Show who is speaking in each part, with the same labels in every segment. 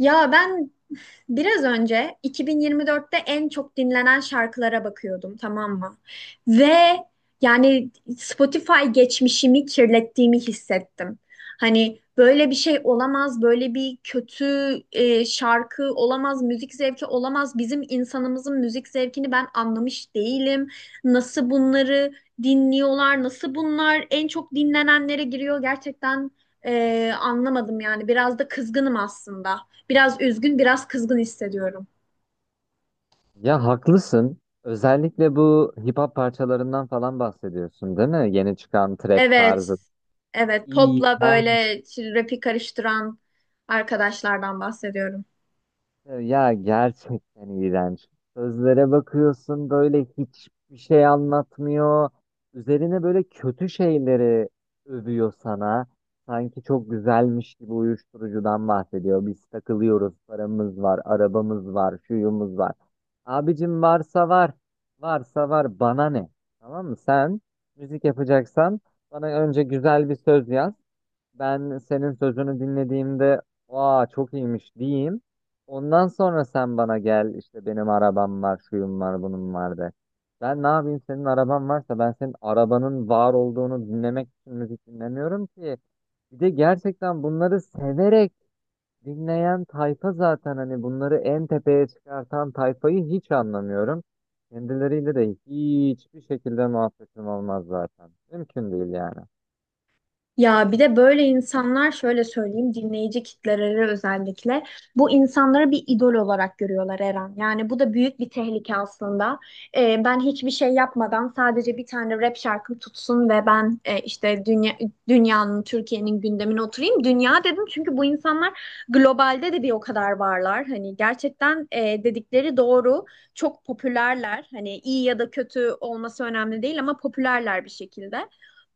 Speaker 1: Ya ben biraz önce 2024'te en çok dinlenen şarkılara bakıyordum, tamam mı? Ve yani Spotify geçmişimi kirlettiğimi hissettim. Hani böyle bir şey olamaz, böyle bir kötü şarkı olamaz, müzik zevki olamaz. Bizim insanımızın müzik zevkini ben anlamış değilim. Nasıl bunları dinliyorlar, nasıl bunlar en çok dinlenenlere giriyor gerçekten anlamadım yani. Biraz da kızgınım aslında. Biraz üzgün, biraz kızgın hissediyorum.
Speaker 2: Ya haklısın. Özellikle bu hip hop parçalarından falan bahsediyorsun, değil mi? Yeni çıkan trap
Speaker 1: Evet.
Speaker 2: tarzı.
Speaker 1: Evet, popla
Speaker 2: İğrenç.
Speaker 1: böyle rapi karıştıran arkadaşlardan bahsediyorum.
Speaker 2: Ya gerçekten iğrenç. Sözlere bakıyorsun böyle hiçbir şey anlatmıyor. Üzerine böyle kötü şeyleri övüyor sana. Sanki çok güzelmiş gibi uyuşturucudan bahsediyor. Biz takılıyoruz, paramız var, arabamız var, şuyumuz var. Abicim varsa var, varsa var bana ne? Tamam mı? Sen müzik yapacaksan bana önce güzel bir söz yaz, ben senin sözünü dinlediğimde aa çok iyiymiş diyeyim. Ondan sonra sen bana gel işte benim arabam var, şuyum var, bunun var de. Ben ne yapayım senin araban varsa, ben senin arabanın var olduğunu dinlemek için müzik dinlemiyorum ki. Bir de gerçekten bunları severek dinleyen tayfa zaten, hani bunları en tepeye çıkartan tayfayı hiç anlamıyorum. Kendileriyle de hiçbir şekilde muhabbetim olmaz zaten. Mümkün değil yani.
Speaker 1: Ya bir de böyle insanlar şöyle söyleyeyim, dinleyici kitleleri özellikle bu insanları bir idol olarak görüyorlar Eren. Yani bu da büyük bir tehlike aslında. Ben hiçbir şey yapmadan sadece bir tane rap şarkım tutsun ve ben işte dünya, dünyanın, Türkiye'nin gündemine oturayım. Dünya dedim çünkü bu insanlar globalde de bir o kadar varlar. Hani gerçekten dedikleri doğru. Çok popülerler. Hani iyi ya da kötü olması önemli değil ama popülerler, bir şekilde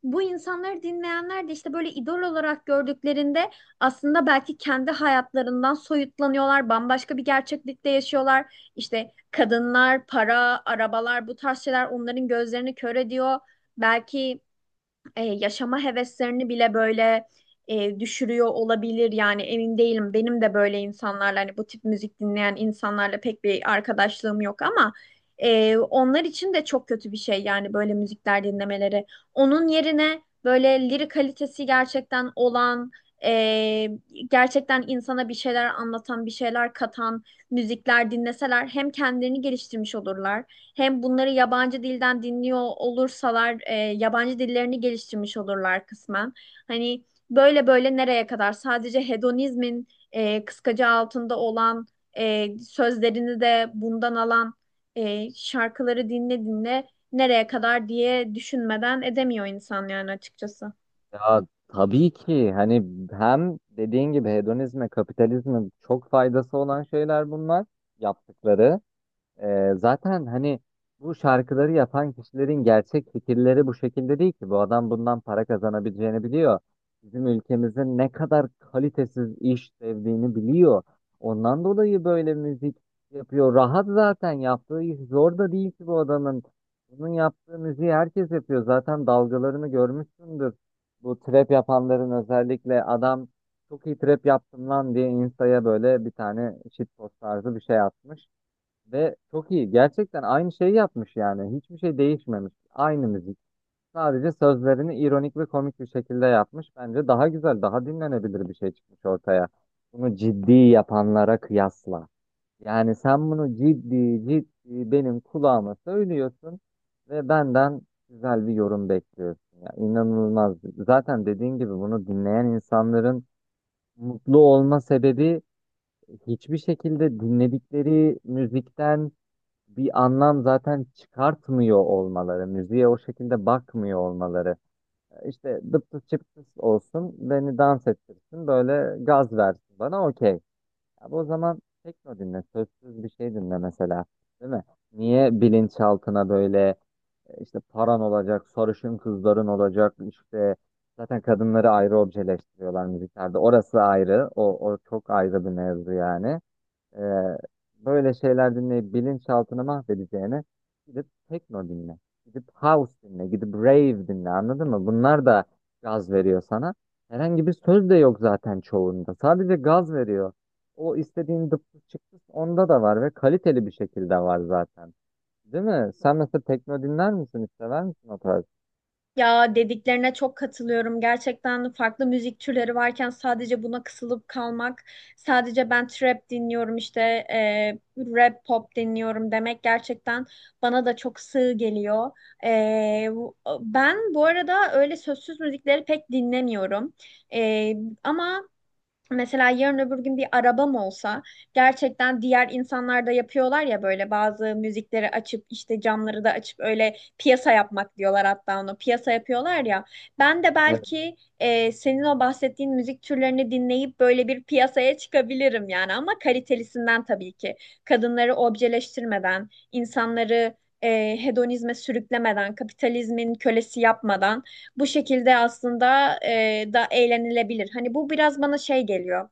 Speaker 1: bu insanları dinleyenler de işte böyle idol olarak gördüklerinde aslında belki kendi hayatlarından soyutlanıyorlar, bambaşka bir gerçeklikte yaşıyorlar. İşte kadınlar, para, arabalar bu tarz şeyler onların gözlerini kör ediyor. Belki yaşama heveslerini bile böyle düşürüyor olabilir. Yani emin değilim. Benim de böyle insanlarla, hani bu tip müzik dinleyen insanlarla pek bir arkadaşlığım yok ama onlar için de çok kötü bir şey yani böyle müzikler dinlemeleri. Onun yerine böyle lirik kalitesi gerçekten olan, e, gerçekten insana bir şeyler anlatan, bir şeyler katan müzikler dinleseler hem kendilerini geliştirmiş olurlar hem bunları yabancı dilden dinliyor olursalar yabancı dillerini geliştirmiş olurlar kısmen. Hani böyle böyle nereye kadar sadece hedonizmin kıskacı altında olan, sözlerini de bundan alan şarkıları dinle dinle nereye kadar diye düşünmeden edemiyor insan yani açıkçası.
Speaker 2: Ya tabii ki hani hem dediğin gibi hedonizme, kapitalizme çok faydası olan şeyler bunlar yaptıkları. Zaten hani bu şarkıları yapan kişilerin gerçek fikirleri bu şekilde değil ki. Bu adam bundan para kazanabileceğini biliyor. Bizim ülkemizin ne kadar kalitesiz iş sevdiğini biliyor. Ondan dolayı böyle müzik yapıyor. Rahat zaten, yaptığı iş zor da değil ki bu adamın. Bunun yaptığı müziği herkes yapıyor. Zaten dalgalarını görmüşsündür. Bu trap yapanların, özellikle adam çok iyi trap yaptım lan diye Insta'ya böyle bir tane shitpost tarzı bir şey atmış. Ve çok iyi. Gerçekten aynı şeyi yapmış yani. Hiçbir şey değişmemiş. Aynı müzik. Sadece sözlerini ironik ve komik bir şekilde yapmış. Bence daha güzel, daha dinlenebilir bir şey çıkmış ortaya. Bunu ciddi yapanlara kıyasla. Yani sen bunu ciddi ciddi benim kulağıma söylüyorsun ve benden güzel bir yorum bekliyorsun. Ya inanılmaz. Zaten dediğin gibi bunu dinleyen insanların mutlu olma sebebi hiçbir şekilde dinledikleri müzikten bir anlam zaten çıkartmıyor olmaları, müziğe o şekilde bakmıyor olmaları. İşte dıptıs çıptıs olsun, beni dans ettirsin, böyle gaz versin bana, okey. Abi o zaman tekno dinle, sözsüz bir şey dinle mesela, değil mi? Niye bilinçaltına böyle işte paran olacak, sarışın kızların olacak, işte zaten kadınları ayrı objeleştiriyorlar müziklerde. Orası ayrı, o çok ayrı bir mevzu yani. Ee, Böyle şeyler dinleyip bilinçaltını mahvedeceğine gidip tekno dinle. Gidip house dinle. Gidip rave dinle. Anladın mı? Bunlar da gaz veriyor sana. Herhangi bir söz de yok zaten çoğunda. Sadece gaz veriyor. O istediğin dıptı çıktı onda da var ve kaliteli bir şekilde var zaten. Değil mi? Sen mesela tekno dinler misin? Hiç sever misin o tarz?
Speaker 1: Ya dediklerine çok katılıyorum. Gerçekten farklı müzik türleri varken sadece buna kısılıp kalmak, sadece ben trap dinliyorum işte e, rap pop dinliyorum demek gerçekten bana da çok sığ geliyor. E, bu- ben bu arada öyle sözsüz müzikleri pek dinlemiyorum. E, ama mesela yarın öbür gün bir arabam olsa, gerçekten diğer insanlar da yapıyorlar ya, böyle bazı müzikleri açıp işte camları da açıp öyle piyasa yapmak diyorlar, hatta onu piyasa yapıyorlar ya. Ben de belki senin o bahsettiğin müzik türlerini dinleyip böyle bir piyasaya çıkabilirim yani, ama kalitelisinden tabii ki. Kadınları objeleştirmeden, insanları hedonizme sürüklemeden, kapitalizmin kölesi yapmadan bu şekilde aslında da eğlenilebilir. Hani bu biraz bana şey geliyor.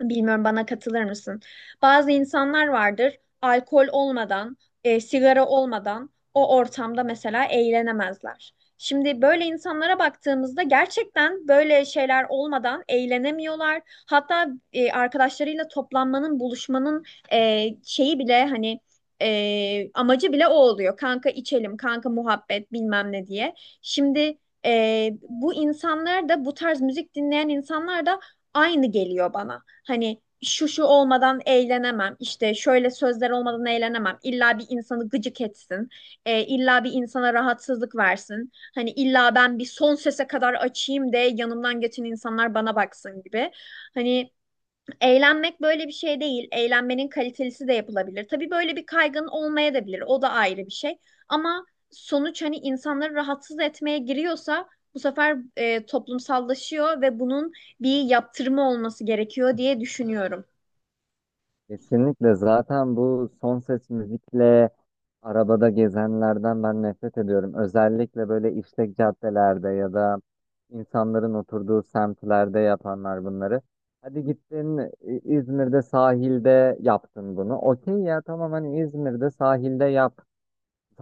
Speaker 1: Bilmiyorum, bana katılır mısın? Bazı insanlar vardır alkol olmadan, sigara olmadan o ortamda mesela eğlenemezler. Şimdi böyle insanlara baktığımızda gerçekten böyle şeyler olmadan eğlenemiyorlar. Hatta arkadaşlarıyla toplanmanın, buluşmanın şeyi bile hani amacı bile o oluyor. Kanka içelim, kanka muhabbet bilmem ne diye. Şimdi bu insanlar da, bu tarz müzik dinleyen insanlar da aynı geliyor bana. Hani şu şu olmadan eğlenemem, işte şöyle sözler olmadan eğlenemem. İlla bir insanı gıcık etsin, illa bir insana rahatsızlık versin. Hani illa ben bir son sese kadar açayım de, yanımdan geçen insanlar bana baksın gibi. Hani eğlenmek böyle bir şey değil. Eğlenmenin kalitelisi de yapılabilir. Tabii böyle bir kaygın olmaya da bilir. O da ayrı bir şey. Ama sonuç hani insanları rahatsız etmeye giriyorsa bu sefer toplumsallaşıyor ve bunun bir yaptırımı olması gerekiyor diye düşünüyorum.
Speaker 2: Kesinlikle, zaten bu son ses müzikle arabada gezenlerden ben nefret ediyorum. Özellikle böyle işlek caddelerde ya da insanların oturduğu semtlerde yapanlar bunları. Hadi gittin İzmir'de sahilde yaptın bunu. Okey ya, tamam, hani İzmir'de sahilde yap.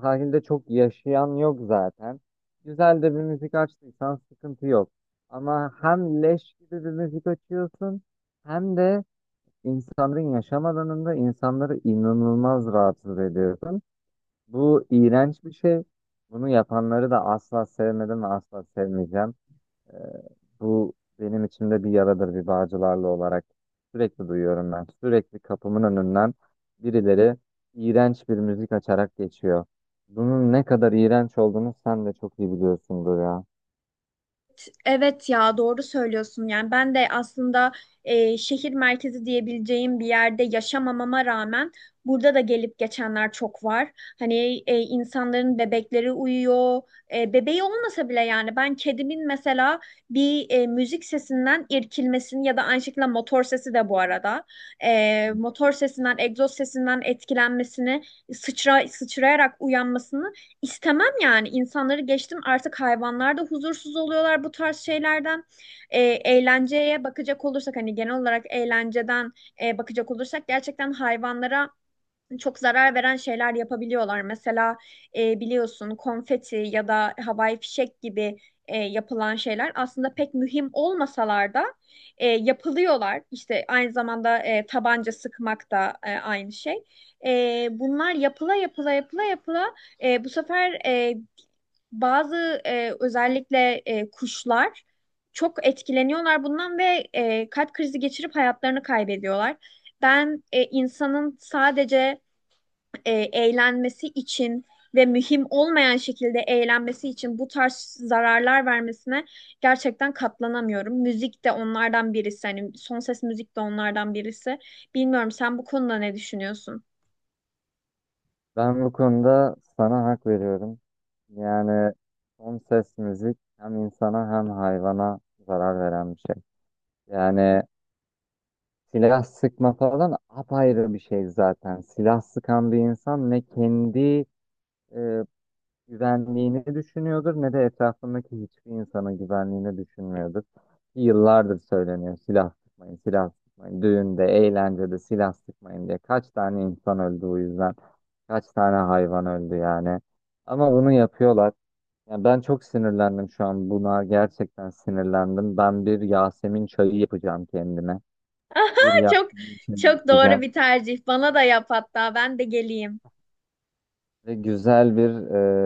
Speaker 2: Sahilde çok yaşayan yok zaten. Güzel de bir müzik açtıysan sıkıntı yok. Ama hem leş gibi bir müzik açıyorsun hem de İnsanların yaşam alanında insanları inanılmaz rahatsız ediyorsun. Bu iğrenç bir şey. Bunu yapanları da asla sevmedim ve asla sevmeyeceğim. Ee, Bu benim içimde bir yaradır bir Bağcılarlı olarak. Sürekli duyuyorum ben. Sürekli kapımın önünden birileri iğrenç bir müzik açarak geçiyor. Bunun ne kadar iğrenç olduğunu sen de çok iyi biliyorsundur ya.
Speaker 1: Evet, ya doğru söylüyorsun. Yani ben de aslında şehir merkezi diyebileceğim bir yerde yaşamamama rağmen burada da gelip geçenler çok var. Hani insanların bebekleri uyuyor. Bebeği olmasa bile yani ben kedimin mesela bir müzik sesinden irkilmesini ya da aynı şekilde motor sesi de bu arada. Motor sesinden, egzoz sesinden etkilenmesini, sıçrayarak uyanmasını İstemem yani. İnsanları geçtim artık, hayvanlar da huzursuz oluyorlar bu tarz şeylerden. Eğlenceye bakacak olursak hani genel olarak eğlenceden bakacak olursak gerçekten hayvanlara çok zarar veren şeyler yapabiliyorlar. Mesela biliyorsun konfeti ya da havai fişek gibi yapılan şeyler aslında pek mühim olmasalar da yapılıyorlar. İşte aynı zamanda tabanca sıkmak da aynı şey. Bunlar yapıla yapıla yapıla yapıla bu sefer bazı özellikle kuşlar çok etkileniyorlar bundan ve kalp krizi geçirip hayatlarını kaybediyorlar. Ben insanın sadece eğlenmesi için ve mühim olmayan şekilde eğlenmesi için bu tarz zararlar vermesine gerçekten katlanamıyorum. Müzik de onlardan birisi. Hani son ses müzik de onlardan birisi. Bilmiyorum, sen bu konuda ne düşünüyorsun?
Speaker 2: Ben bu konuda sana hak veriyorum. Yani son ses müzik hem insana hem hayvana zarar veren bir şey. Yani silah sıkma falan apayrı bir şey zaten. Silah sıkan bir insan ne kendi e, güvenliğini düşünüyordur ne de etrafındaki hiçbir insanın güvenliğini düşünmüyordur. Yıllardır söyleniyor silah sıkmayın, silah sıkmayın. Düğünde, eğlencede silah sıkmayın diye. Kaç tane insan öldü o yüzden. Kaç tane hayvan öldü yani. Ama bunu yapıyorlar. Yani ben çok sinirlendim şu an buna. Gerçekten sinirlendim. Ben bir Yasemin çayı yapacağım kendime. Bir
Speaker 1: Aha, çok
Speaker 2: Yasemin çayı
Speaker 1: çok doğru
Speaker 2: içeceğim.
Speaker 1: bir tercih. Bana da yap hatta, ben de geleyim.
Speaker 2: Ve güzel bir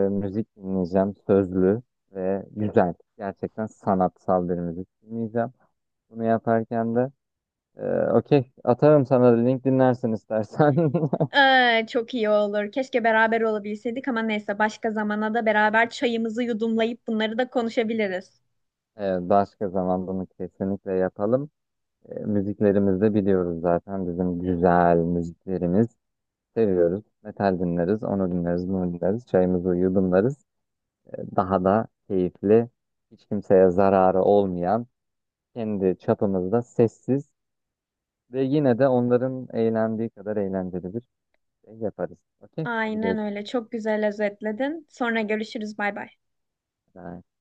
Speaker 2: müzik dinleyeceğim. Sözlü ve güzel. Gerçekten sanatsal bir müzik dinleyeceğim. Bunu yaparken de okey atarım sana, da link dinlersin istersen.
Speaker 1: Çok iyi olur. Keşke beraber olabilseydik ama neyse, başka zamana da beraber çayımızı yudumlayıp bunları da konuşabiliriz.
Speaker 2: Başka zaman bunu kesinlikle yapalım. Müziklerimizi de biliyoruz zaten. Bizim güzel müziklerimiz. Seviyoruz. Metal dinleriz, onu dinleriz, bunu dinleriz. Çayımızı yudumlarız. Daha da keyifli, hiç kimseye zararı olmayan, kendi çapımızda sessiz ve yine de onların eğlendiği kadar eğlenceli bir şey yaparız. Okey, hadi
Speaker 1: Aynen
Speaker 2: görüşürüz.
Speaker 1: öyle. Çok güzel özetledin. Sonra görüşürüz. Bay bay.
Speaker 2: Bye.